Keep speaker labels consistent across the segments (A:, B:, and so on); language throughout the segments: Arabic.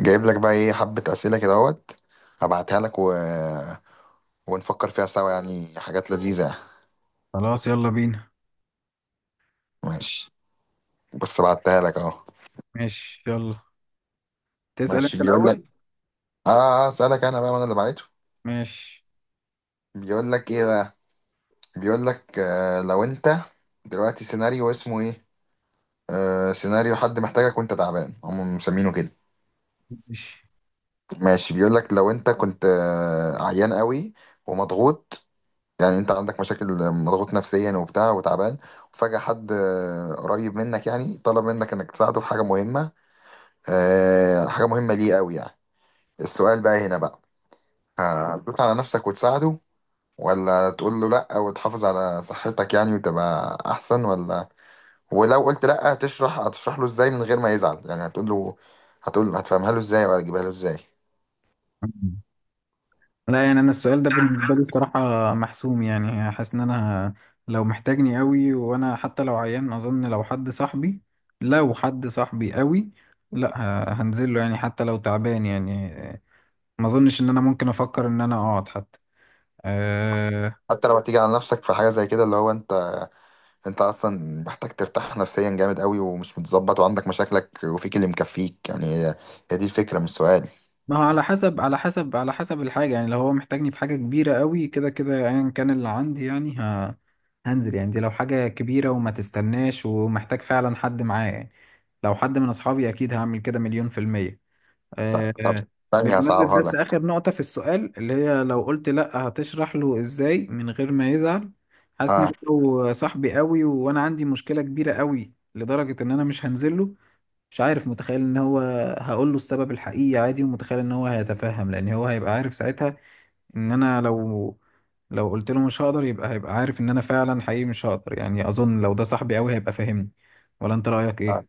A: جايب لك بقى ايه حبة أسئلة كده اهوت. هبعتها لك ونفكر فيها سوا، يعني حاجات لذيذة يعني.
B: خلاص يلا بينا.
A: ماشي، بص بعتها لك اهو.
B: ماشي يلا، تسأل
A: ماشي
B: انت
A: بيقول لك.
B: الأول.
A: اه. آه، اسألك انا بقى، ما انا اللي بعته.
B: ماشي
A: بيقول لك ايه بقى. بيقول لك آه لو انت دلوقتي، سيناريو اسمه ايه. آه سيناريو حد محتاجك وانت تعبان، هم مسمينه كده.
B: ماشي.
A: ماشي بيقول لك لو انت كنت عيان قوي ومضغوط، يعني انت عندك مشاكل، مضغوط نفسيا وبتاع وتعبان، وفجأة حد قريب منك يعني طلب منك انك تساعده في حاجة مهمة، حاجة مهمة ليه قوي يعني. السؤال بقى هنا بقى، هتدوس على نفسك وتساعده؟ ولا تقول له لا وتحافظ على صحتك يعني وتبقى احسن؟ ولا، ولو قلت لا، هتشرح له ازاي من غير ما يزعل؟ يعني هتقول له، هتقول هتفهمها له ازاي ولا تجيبها له ازاي؟
B: لا يعني انا السؤال ده بالنسبة لي الصراحة محسوم، يعني حاسس ان انا لو محتاجني قوي وانا حتى لو عيان، اظن لو حد صاحبي، لو حد صاحبي قوي، لا هنزل له يعني حتى لو تعبان يعني. ما اظنش ان انا ممكن افكر ان انا اقعد حتى. آه،
A: حتى لو هتيجي على نفسك في حاجة زي كده، اللي هو انت، انت اصلا محتاج ترتاح نفسيا جامد قوي، ومش متظبط وعندك مشاكلك وفيك اللي مكفيك. يعني هي، دي الفكره، مش سؤال.
B: ما هو على حسب، على حسب الحاجة، يعني لو هو محتاجني في حاجة كبيرة قوي كده كده ايا كان اللي عندي يعني هنزل يعني. دي لو حاجة كبيرة وما تستناش ومحتاج فعلا حد معايا يعني. لو حد من أصحابي أكيد هعمل كده 100%.
A: طب،
B: آه.
A: ثانيه
B: بالمناسبة
A: هصعبها
B: بس
A: لك.
B: آخر نقطة في السؤال، اللي هي لو قلت لأ هتشرح له إزاي من غير ما يزعل. حاسس إن
A: اه.
B: لو صاحبي قوي وأنا عندي مشكلة كبيرة قوي لدرجة إن أنا مش هنزله، مش عارف، متخيل ان هو، هقول له السبب الحقيقي عادي ومتخيل ان هو هيتفهم، لان هو هيبقى عارف ساعتها ان انا لو قلت له مش هقدر، يبقى هيبقى عارف ان انا فعلا حقيقي مش هقدر. يعني اظن لو ده صاحبي قوي هيبقى فاهمني. ولا انت رأيك
A: اه.
B: ايه؟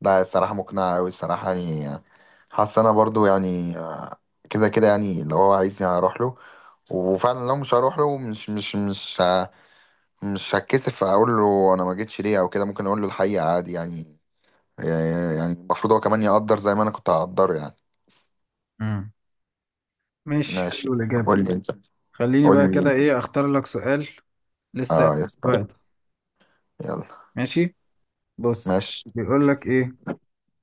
A: لا الصراحه مقنعه قوي الصراحه يعني. حاسس انا برضو يعني، كده كده يعني لو هو عايزني هروح له. وفعلا لو مش هروح له، مش هتكسف اقول له انا ما جيتش ليه او كده. ممكن اقول له الحقيقه عادي يعني. يعني المفروض هو كمان يقدر زي ما انا كنت هقدره يعني.
B: امم ماشي،
A: ماشي،
B: حلو الإجابة.
A: قول لي انت.
B: خليني
A: قول
B: بقى كده
A: لي.
B: ايه اختار لك سؤال. لسه
A: اه يا اسطى.
B: دلوقتي.
A: يلا.
B: ماشي، بص،
A: ماشي.
B: بيقول لك ايه.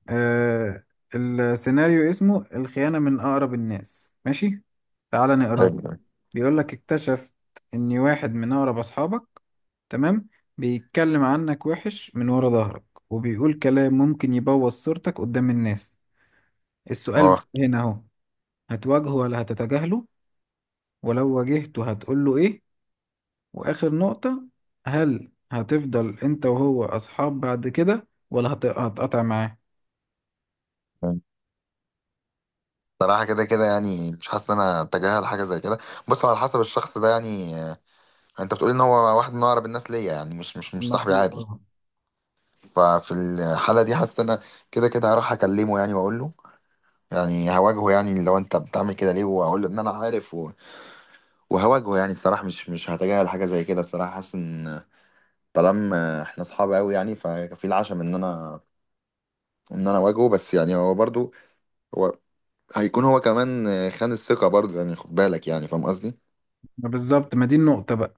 B: آه السيناريو اسمه الخيانة من أقرب الناس. ماشي، تعال نقراه
A: حلو.
B: كده. بيقول لك: اكتشفت إن واحد من أقرب أصحابك، تمام، بيتكلم عنك وحش من ورا ظهرك، وبيقول كلام ممكن يبوظ صورتك قدام الناس. السؤال
A: اه.
B: هنا أهو: هتواجهه ولا هتتجاهله؟ ولو واجهته هتقوله إيه؟ وآخر نقطة، هل هتفضل أنت وهو أصحاب بعد كده ولا هتقطع معاه؟
A: صراحة كده كده يعني مش حاسس ان انا اتجاهل حاجة زي كده. بص هو على حسب الشخص ده يعني، انت بتقول ان هو واحد من اقرب الناس ليا، يعني مش صاحبي
B: المفروض
A: عادي.
B: طبعا.
A: ففي الحالة دي حاسس ان انا كده كده هروح اكلمه، يعني واقول له، يعني هواجهه، يعني لو انت بتعمل كده ليه، واقول له ان انا عارف وهواجهه. يعني الصراحة مش هتجاهل حاجة زي كده الصراحة. حاسس ان طالما احنا اصحاب قوي، يعني ففي العشم ان انا، اواجهه. بس يعني هو برضو، هو، هيكون هو كمان خان الثقة برضه، يعني خد بالك، يعني فاهم قصدي؟
B: ما بالظبط، ما دي النقطة بقى.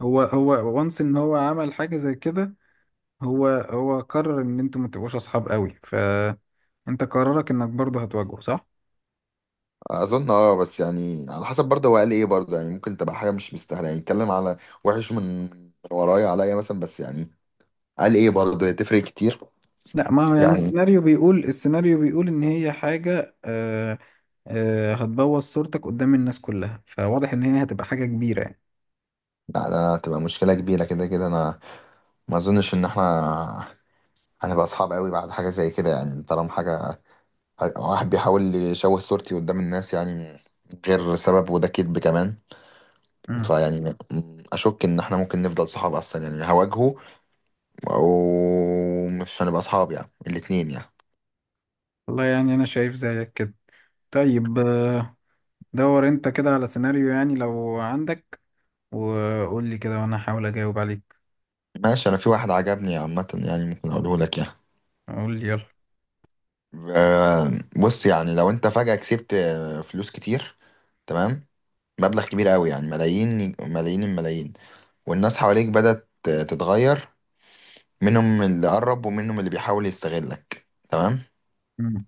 B: هو وانس ان هو عمل حاجة زي كده، هو قرر ان انتوا ما تبقوش اصحاب قوي، فانت قرارك انك برضه هتواجهه صح؟
A: أظن أه، بس يعني على حسب برضه هو قال إيه برضه، يعني ممكن تبقى حاجة مش مستاهلة، يعني اتكلم على وحش من ورايا عليا مثلا. بس يعني قال إيه برضه، هي تفرق كتير
B: لا ما هو يعني
A: يعني.
B: السيناريو بيقول، السيناريو بيقول ان هي حاجة آه هتبوظ صورتك قدام الناس كلها، فواضح ان هي هتبقى حاجة كبيرة يعني.
A: لا ده تبقى مشكلة كبيرة، كده كده أنا ما أظنش إن إحنا هنبقى أصحاب قوي بعد حاجة زي كده. يعني طالما حاجة، واحد بيحاول يشوه صورتي قدام الناس يعني من غير سبب، وده كذب كمان،
B: مم.
A: فيعني أشك إن إحنا ممكن نفضل صحاب أصلا، يعني هواجهه او مش هنبقى اصحاب، يعني الاتنين يعني.
B: والله يعني انا شايف زيك كده. طيب دور انت كده على سيناريو يعني لو عندك، وقول لي كده وانا هحاول اجاوب عليك.
A: ماشي، انا في واحد عجبني عامة، يعني ممكن اقوله لك يعني.
B: قول لي يلا.
A: آه، بص يعني لو انت فجأة كسبت فلوس كتير، تمام، مبلغ كبير قوي، يعني ملايين ملايين الملايين. والناس حواليك بدأت تتغير، منهم اللي قرب ومنهم اللي بيحاول يستغلك، تمام.
B: مم.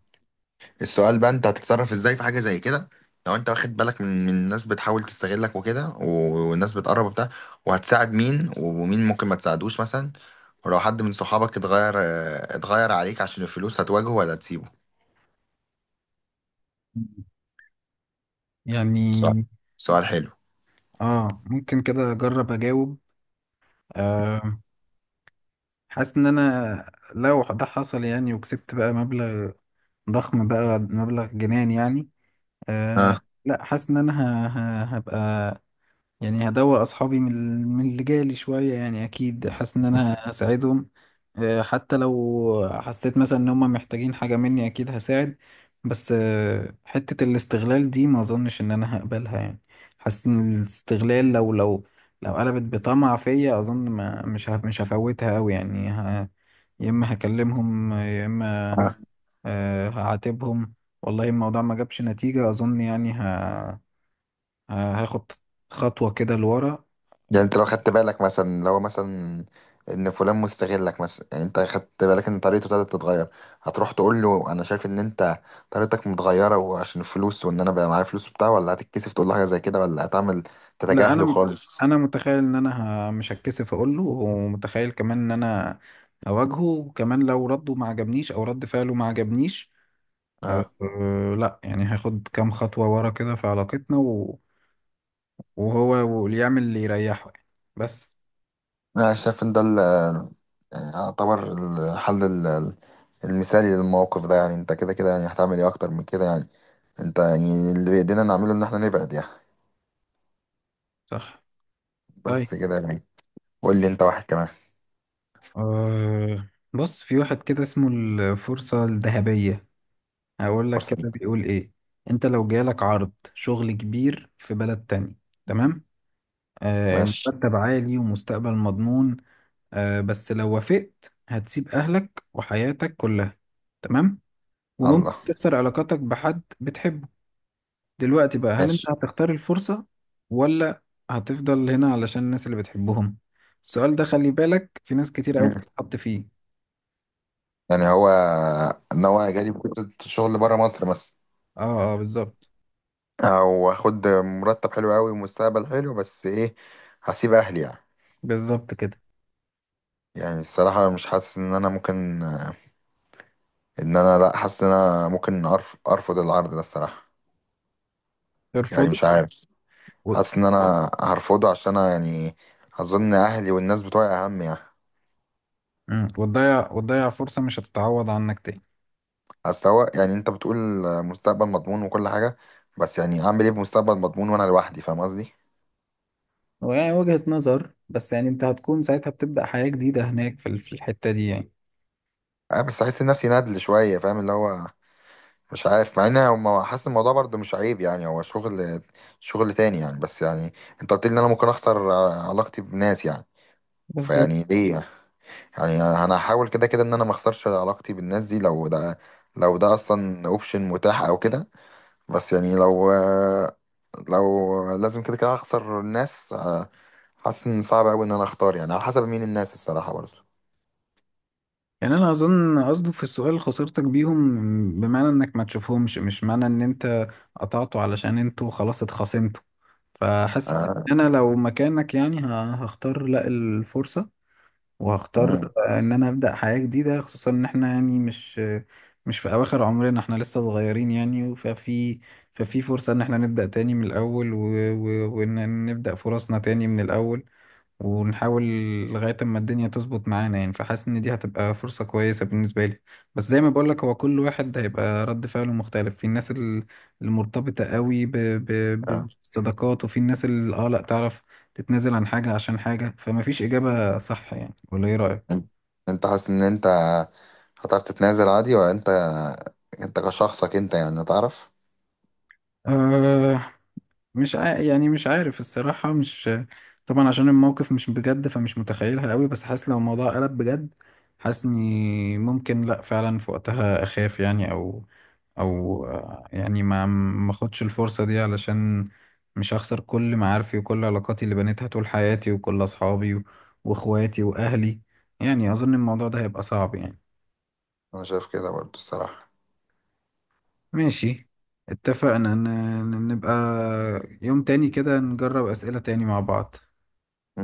A: السؤال بقى، انت هتتصرف ازاي في حاجه زي كده؟ لو انت واخد بالك من الناس بتحاول تستغلك وكده، والناس بتقرب وبتاع، وهتساعد مين، ومين ممكن ما تساعدوش مثلا؟ ولو حد من صحابك اتغير، اه، اتغير عليك عشان الفلوس، هتواجهه ولا تسيبه؟ سؤال.
B: يعني
A: سؤال حلو.
B: اه ممكن كده اجرب اجاوب. آه حاسس ان انا لو ده حصل يعني، وكسبت بقى مبلغ ضخم، بقى مبلغ جنان يعني. آه.
A: اه،
B: لا حاسس ان انا ه- هبقى، يعني هدوق اصحابي من من اللي جالي شويه، يعني اكيد حاسس ان انا هساعدهم. حتى لو حسيت مثلا ان هم محتاجين حاجه مني اكيد هساعد. بس حته الاستغلال دي ما اظنش ان انا هقبلها يعني. حاسس ان الاستغلال لو، لو قلبت بطمع فيا، اظن ما مش هفوتها قوي يعني. يا اما هكلمهم، يا اما هعاتبهم. والله، الموضوع ما جابش نتيجه اظن يعني، هاخد خطوه كده لورا.
A: يعني انت لو خدت بالك مثلا، لو مثلا ان فلان مستغلك مثلا، يعني انت خدت بالك ان طريقته ابتدت تتغير، هتروح تقول له انا شايف ان انت طريقتك متغيره وعشان الفلوس، وان انا بقى معايا فلوس وبتاع؟ ولا هتتكسف تقول له حاجه زي كده ولا هتعمل
B: لا
A: تتجاهله
B: انا،
A: خالص؟
B: انا متخيل ان انا مش هتكسف اقول له، ومتخيل كمان ان انا اواجهه. وكمان لو رده ما عجبنيش او رد فعله ما عجبنيش، أه
A: اه.
B: أه، لا يعني هاخد كام خطوة ورا كده في علاقتنا، وهو اللي يعمل اللي يريحه يعني. بس.
A: انا شايف ان ده يعني يعتبر الحل المثالي للموقف ده. يعني انت كده كده يعني هتعمل ايه اكتر من كده يعني؟ انت يعني اللي بايدينا نعمله ان احنا نبعد يعني.
B: صح. طيب
A: بس كده يعني. قول لي انت واحد كمان.
B: أه بص، في واحد كده اسمه الفرصة الذهبية. هقول لك
A: فرصه ليك.
B: كده بيقول ايه: انت لو جالك عرض شغل كبير في بلد تاني، تمام،
A: ماشي.
B: مرتب عالي ومستقبل مضمون، بس لو وافقت هتسيب أهلك وحياتك كلها، تمام، وممكن
A: الله.
B: تكسر علاقاتك بحد بتحبه. دلوقتي بقى، هل أنت
A: ماشي.
B: هتختار الفرصة ولا هتفضل هنا علشان الناس اللي بتحبهم؟ السؤال ده خلي بالك في ناس كتير قوي
A: مم.
B: بتتحط فيه.
A: يعني هو ناوي جالي فرصة شغل بره مصر مثلا،
B: اه اه بالظبط.
A: او اخد مرتب حلو قوي ومستقبل حلو، بس ايه، هسيب اهلي يعني.
B: بالظبط كده.
A: يعني الصراحة مش حاسس ان انا ممكن ان انا، لا حاسس ان انا ممكن ارفض العرض ده الصراحة. يعني
B: ترفضه؟
A: مش عارف،
B: و...
A: حاسس ان انا هرفضه، عشان أنا يعني اظن اهلي والناس بتوعي اهم يعني.
B: مم. وتضيع، وتضيع فرصة مش هتتعوض عنك تاني.
A: اصل هو يعني انت بتقول مستقبل مضمون وكل حاجة، بس يعني اعمل ايه بمستقبل مضمون وانا لوحدي، فاهم قصدي؟
B: ويعني وجهة نظر، بس يعني انت هتكون ساعتها بتبدأ حياة جديدة هناك في في الحتة دي يعني.
A: اه بس احس نفسي ندل شوية، فاهم؟ اللي هو مش عارف، مع ان هو حاسس الموضوع برضه مش عيب، يعني هو شغل، شغل تاني يعني. بس يعني انت قلت لي ان انا ممكن اخسر علاقتي بناس يعني.
B: بالظبط.
A: فيعني ليه، انا هحاول كده كده ان انا ما اخسرش علاقتي بالناس دي، لو ده، لو ده اصلا اوبشن متاح او كده. بس يعني لو لو لازم كده كده اخسر الناس، حاسس ان صعب قوي ان انا اختار، يعني على حسب مين الناس الصراحة برضه.
B: يعني انا اظن قصده في السؤال خسارتك بيهم بمعنى انك ما تشوفهمش، مش معنى ان انت قطعته علشان انتوا خلاص اتخاصمتوا. فحاسس
A: آه.
B: ان انا لو مكانك يعني هختار لا الفرصة،
A: مم.
B: وهختار ان انا ابدأ حياة جديدة، خصوصا ان احنا يعني مش مش في اواخر عمرنا، احنا لسه صغيرين يعني، ففي فرصة ان احنا نبدأ تاني من الاول وان نبدأ فرصنا تاني من الاول ونحاول لغاية اما الدنيا تظبط معانا يعني. فحاسس ان دي هتبقى فرصة كويسة بالنسبة لي. بس زي ما بقولك، هو كل واحد هيبقى رد فعله مختلف، في الناس المرتبطة قوي بالصداقات، وفي الناس اللي اه لا تعرف تتنازل عن حاجة عشان حاجة، فما فيش إجابة صح يعني. ولا ايه رأيك؟
A: انت انت حاسس ان انت هتعرف تتنازل عادي ولا انت، انت كشخصك انت يعني تعرف؟
B: آه مش عا... يعني مش عارف الصراحة، مش، طبعا عشان الموقف مش بجد فمش متخيلها قوي، بس حاسس لو الموضوع قلب بجد، حاسس اني ممكن لا فعلا في وقتها اخاف يعني، او او يعني ما اخدش الفرصة دي علشان مش هخسر كل معارفي وكل علاقاتي اللي بنيتها طول حياتي وكل اصحابي واخواتي واهلي. يعني اظن الموضوع ده هيبقى صعب يعني.
A: انا شايف كده برضو الصراحة.
B: ماشي، اتفقنا نبقى يوم تاني كده نجرب اسئلة تاني مع بعض.